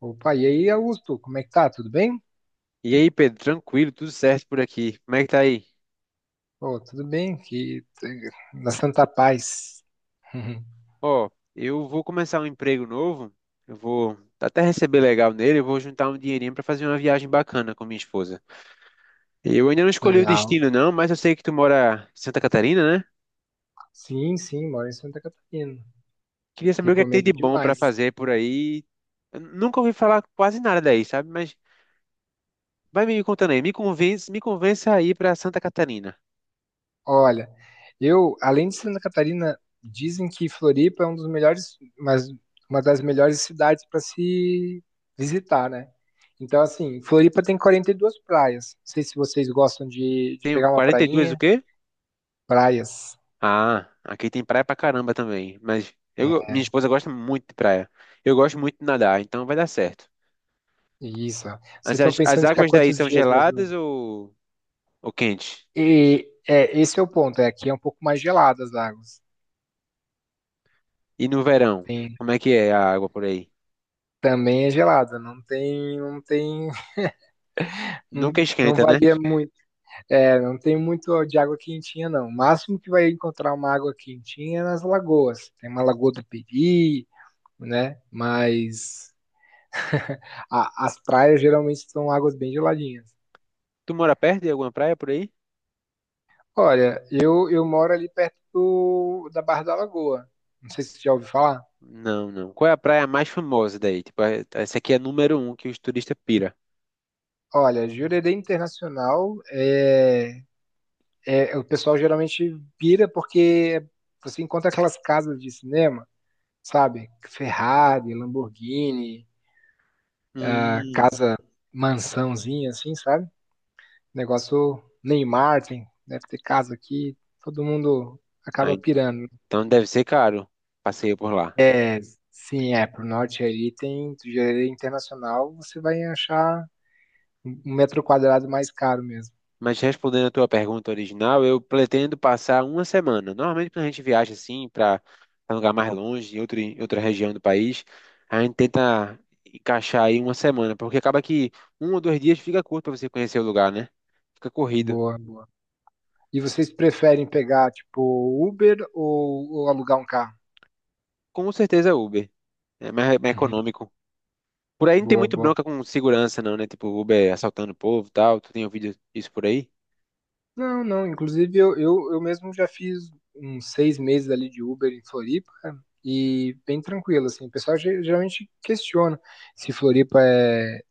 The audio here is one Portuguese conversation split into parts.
Opa, e aí, Augusto, como é que tá? Tudo bem? E aí, Pedro, tranquilo, tudo certo por aqui. Como é que tá aí? Pô, tudo bem, que na Santa Paz. Ó, eu vou começar um emprego novo. Eu vou até receber legal nele, eu vou juntar um dinheirinho pra fazer uma viagem bacana com minha esposa. Eu ainda não escolhi o Legal. destino não, mas eu sei que tu mora em Santa Catarina, né? Sim, sim, moro em Santa Catarina. Queria saber o que é que tem Recomendo de bom pra demais. fazer por aí. Eu nunca ouvi falar quase nada daí, sabe? Mas vai me contando aí, me convence, me convença a ir pra Santa Catarina. Olha, eu, além de Santa Catarina, dizem que Floripa é um dos melhores, mas uma das melhores cidades para se visitar, né? Então, assim, Floripa tem 42 praias. Não sei se vocês gostam de Tenho pegar uma 42 o prainha. quê? Praias. Ah, aqui tem praia pra caramba também. Mas eu, minha Né? esposa gosta muito de praia. Eu gosto muito de nadar, então vai dar certo. Isso. Vocês Mas estão as pensando em ficar águas daí quantos são dias, mas geladas ou quentes? Esse é o ponto, é aqui é um pouco mais gelada as águas. E no verão, Tem, como é que é a água por aí? também é gelada, não tem, não, Nunca não esquenta, né? varia muito. É, não tem muito de água quentinha não. O máximo que vai encontrar uma água quentinha é nas lagoas. Tem uma lagoa do Peri, né? Mas as praias geralmente são águas bem geladinhas. Tu mora perto de alguma praia por aí? Olha, eu moro ali perto da Barra da Lagoa. Não sei se você já ouviu falar. Não, não. Qual é a praia mais famosa daí? Tipo, essa aqui é a número um que os turistas pira. Olha, Jurerê Internacional é, o pessoal geralmente pira porque você encontra aquelas casas de cinema, sabe? Ferrari, Lamborghini, a Hum, casa mansãozinha, assim, sabe? Negócio Neymar, tem, deve ter casa aqui, todo mundo ah, acaba pirando. então deve ser caro. Passeio por lá. É, sim, é, pro norte ali tem, do Jardim internacional, você vai achar um metro quadrado mais caro mesmo. Mas respondendo a tua pergunta original, eu pretendo passar uma semana. Normalmente, quando a gente viaja assim para um lugar mais longe, em outra região do país, a gente tenta encaixar aí uma semana, porque acaba que um ou dois dias fica curto para você conhecer o lugar, né? Fica corrido. Boa, boa. E vocês preferem pegar, tipo, Uber ou alugar um carro? Com certeza, Uber. É mais Uhum. econômico. Por aí não tem Boa, muito boa. bronca com segurança, não, né? Tipo, Uber assaltando o povo e tal. Tu tem ouvido isso por aí? Não, não. Inclusive, eu mesmo já fiz uns 6 meses ali de Uber em Floripa e bem tranquilo, assim. O pessoal geralmente questiona se Floripa é,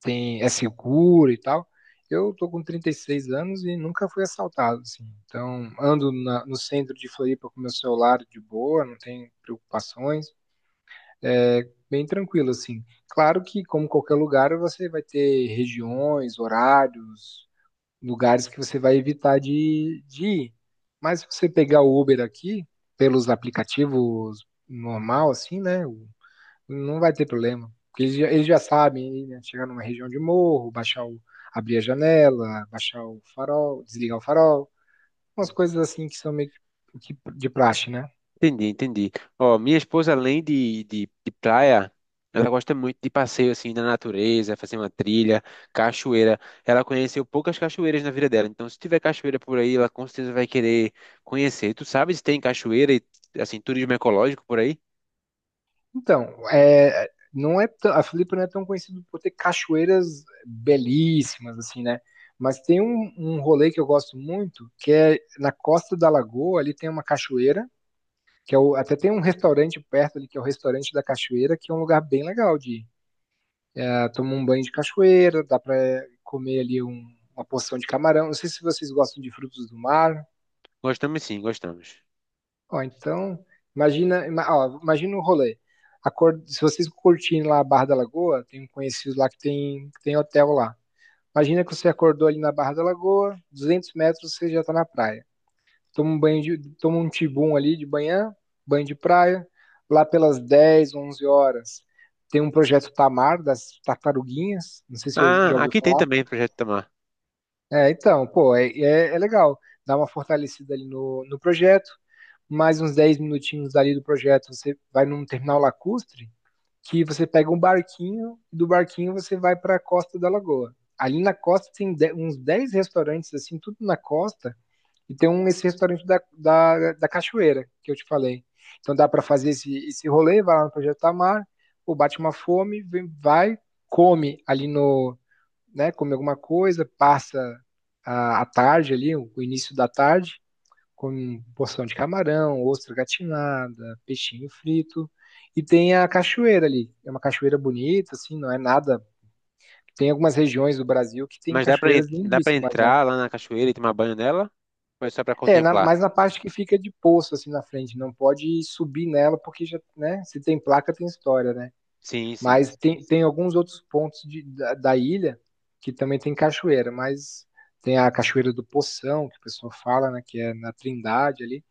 tem, é seguro e tal. Eu tô com 36 anos e nunca fui assaltado, assim. Então, ando no centro de Floripa com meu celular de boa, não tenho preocupações. É bem tranquilo, assim. Claro que, como qualquer lugar, você vai ter regiões, horários, lugares que você vai evitar de ir. Mas se você pegar o Uber aqui, pelos aplicativos normal, assim, né? Não vai ter problema. Porque eles já sabem, né? Chegar numa região de morro, baixar o, abrir a janela, baixar o farol, desligar o farol, umas coisas assim que são meio que de praxe, né? Entendi, entendi. Ó, minha esposa, além de praia, ela gosta muito de passeio assim na natureza, fazer uma trilha, cachoeira. Ela conheceu poucas cachoeiras na vida dela, então se tiver cachoeira por aí, ela com certeza vai querer conhecer. Tu sabe se tem cachoeira e assim turismo ecológico por aí? Então, é, não é a Floripa não é tão conhecida por ter cachoeiras belíssimas, assim, né? Mas tem um rolê que eu gosto muito, que é na costa da Lagoa, ali tem uma cachoeira, que é o, até tem um restaurante perto ali, que é o restaurante da cachoeira, que é um lugar bem legal de ir. É, tomar um banho de cachoeira, dá para comer ali uma porção de camarão. Não sei se vocês gostam de frutos do mar. Gostamos sim, gostamos. Ó, então, imagina, ó, imagina o rolê. Se vocês curtirem lá a Barra da Lagoa, tem um conhecido lá que tem hotel lá. Imagina que você acordou ali na Barra da Lagoa, 200 metros você já está na praia. Toma um tibum ali de manhã, banho de praia. Lá pelas 10, 11 horas, tem um projeto Tamar das tartaruguinhas, não sei se você já Ah, ouviu aqui tem falar. também Projeto Tamar, É, então, pô, é legal. Dá uma fortalecida ali no projeto mais uns 10 minutinhos ali do projeto, você vai num terminal lacustre, que você pega um barquinho, e do barquinho você vai para a costa da lagoa. Ali na costa tem uns 10 restaurantes, assim, tudo na costa, e tem um, esse restaurante da cachoeira, que eu te falei. Então dá para fazer esse rolê, vai lá no Projeto Tamar, ou bate uma fome, vem, vai, come ali no, né, come alguma coisa, passa a tarde ali, o início da tarde, com porção de camarão, ostra gatinada, peixinho frito. E tem a cachoeira ali. É uma cachoeira bonita, assim, não é nada. Tem algumas regiões do Brasil que tem mas cachoeiras dá para lindíssimas, né? entrar lá na cachoeira e tomar banho nela? Ou é só para É, contemplar? mas na parte que fica de poço, assim, na frente, não pode subir nela, porque já, né? Se tem placa, tem história, né? Sim, sim. Mas tem alguns outros pontos da ilha que também tem cachoeira, mas tem a cachoeira do Poção, que o pessoal fala, né? Que é na Trindade ali.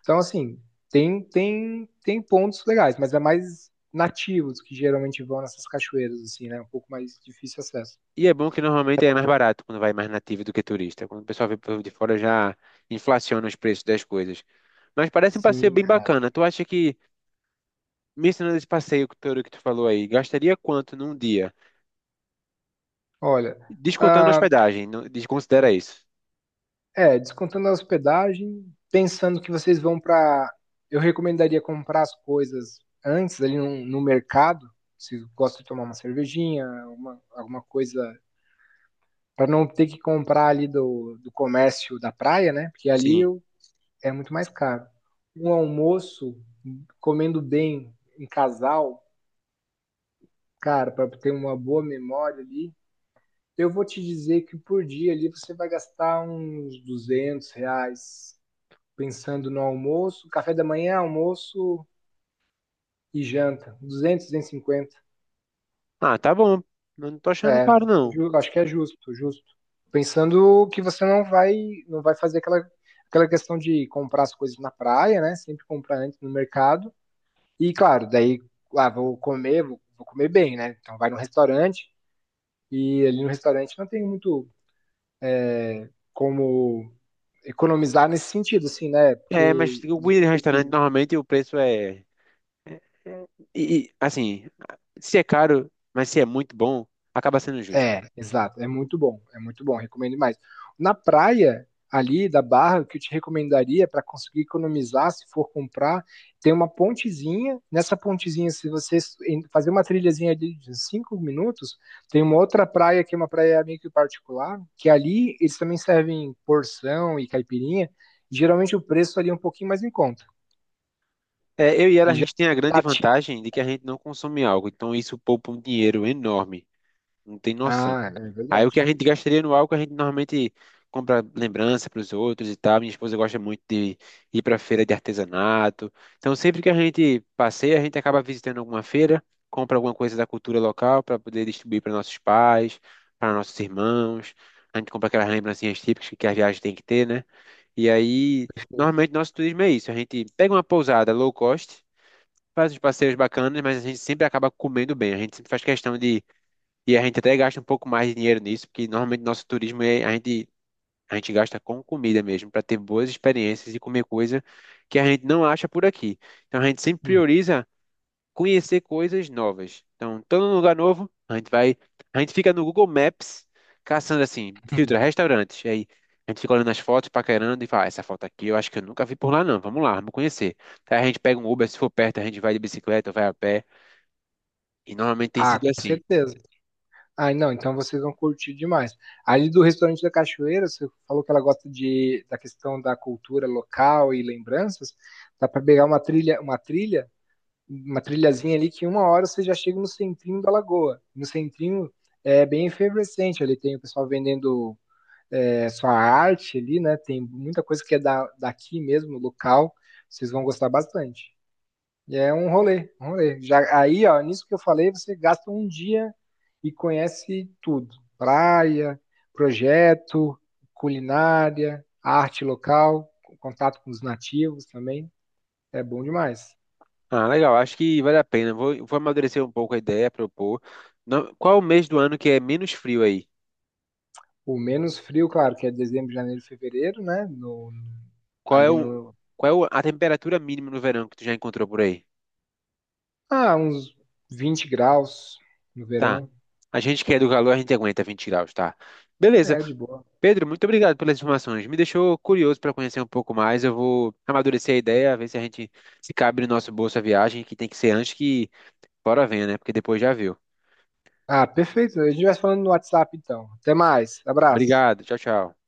Então, assim, tem pontos legais, mas é mais nativos que geralmente vão nessas cachoeiras, assim, né? Um pouco mais difícil acesso. E é bom que normalmente é mais barato quando vai mais nativo do que turista. Quando o pessoal vem por de fora já inflaciona os preços das coisas. Mas parece um passeio Sim, bem é. bacana. Tu acha que, mencionando esse passeio todo que tu falou aí, gastaria quanto num dia? Olha, Descontando a ah, hospedagem, não- desconsidera isso. Descontando a hospedagem, pensando que vocês vão para. Eu recomendaria comprar as coisas antes ali no mercado, se gosta de tomar uma cervejinha, uma, alguma coisa, para não ter que comprar ali do comércio da praia, né? Porque Sim. ali o é muito mais caro. Um almoço, comendo bem em casal, cara, para ter uma boa memória ali, eu vou te dizer que por dia ali você vai gastar uns R$ 200, pensando no almoço, café da manhã, almoço e janta, 200, 250. Ah, tá bom. Não tô achando É, caro, não. Acho que é justo, justo. Pensando que você não vai fazer aquela questão de comprar as coisas na praia, né? Sempre comprar antes no mercado. E claro, daí, ah, vou comer, vou comer bem, né? Então vai no restaurante e ali no restaurante não tem muito como economizar nesse sentido, assim, né? É, mas Porque o comida de restaurante normalmente o preço é. É- é. E, assim, se é caro, mas se é muito bom, acaba sendo justo. é, exato. É muito bom. É muito bom. Recomendo mais. Na praia, ali da Barra, o que eu te recomendaria para conseguir economizar, se for comprar, tem uma pontezinha. Nessa pontezinha, se você fazer uma trilhazinha ali de 5 minutos, tem uma outra praia que é uma praia meio que particular, que ali eles também servem porção e caipirinha. Geralmente o preço ali é um pouquinho mais em conta. É, eu e ela, a E já. gente tem a grande vantagem de que a gente não consome álcool, então isso poupa um dinheiro enorme, não tem noção. Ah, é Aí o que verdade. a gente gastaria no álcool, a gente normalmente compra lembrança para os outros e tal. Minha esposa gosta muito de ir para feira de artesanato, então sempre que a gente passeia, a gente acaba visitando alguma feira, compra alguma coisa da cultura local para poder distribuir para nossos pais, para nossos irmãos. A gente compra aquelas lembrancinhas típicas que a viagem tem que ter, né? E aí, normalmente nosso turismo é isso, a gente pega uma pousada low cost, faz uns passeios bacanas, mas a gente sempre acaba comendo bem. A gente sempre faz questão de. E a gente até gasta um pouco mais de dinheiro nisso, porque normalmente nosso turismo é, a gente gasta com comida mesmo, para ter boas experiências e comer coisa que a gente não acha por aqui. Então a gente sempre Uhum. prioriza conhecer coisas novas. Então, todo lugar novo, a gente vai. A gente fica no Google Maps caçando assim, filtra restaurantes. E aí a gente fica olhando as fotos, paquerando e fala: "Ah, essa foto aqui eu acho que eu nunca vi por lá, não. Vamos lá, vamos conhecer." Aí a gente pega um Uber, se for perto, a gente vai de bicicleta, vai a pé. E normalmente tem Ah, sido com assim. certeza. Ah, não, então vocês vão curtir demais. Ali do restaurante da Cachoeira, você falou que ela gosta da questão da cultura local e lembranças. Dá para pegar uma trilhazinha ali que uma hora você já chega no centrinho da lagoa. No centrinho é bem efervescente, ali tem o pessoal vendendo é, sua arte ali, né? Tem muita coisa que é daqui mesmo, local. Vocês vão gostar bastante. E é um rolê. Já, aí, ó, nisso que eu falei, você gasta um dia e conhece tudo: praia, projeto, culinária, arte local, contato com os nativos também. É bom demais. Ah, legal. Acho que vale a pena. Vou amadurecer um pouco a ideia, propor. Não, qual é o mês do ano que é menos frio aí? O menos frio, claro, que é dezembro, janeiro, fevereiro, né? No, Qual é ali o, no. A temperatura mínima no verão que tu já encontrou por aí? Ah, uns 20 graus no Tá. verão. A gente que é do calor, a gente aguenta 20 graus, tá? Beleza. É, de boa. Pedro, muito obrigado pelas informações. Me deixou curioso para conhecer um pouco mais. Eu vou amadurecer a ideia, ver se a gente se cabe no nosso bolso a viagem, que tem que ser antes que fora venha, né? Porque depois já viu. Ah, perfeito. A gente vai falando no WhatsApp então. Até mais. Abraço. Obrigado. Tchau, tchau.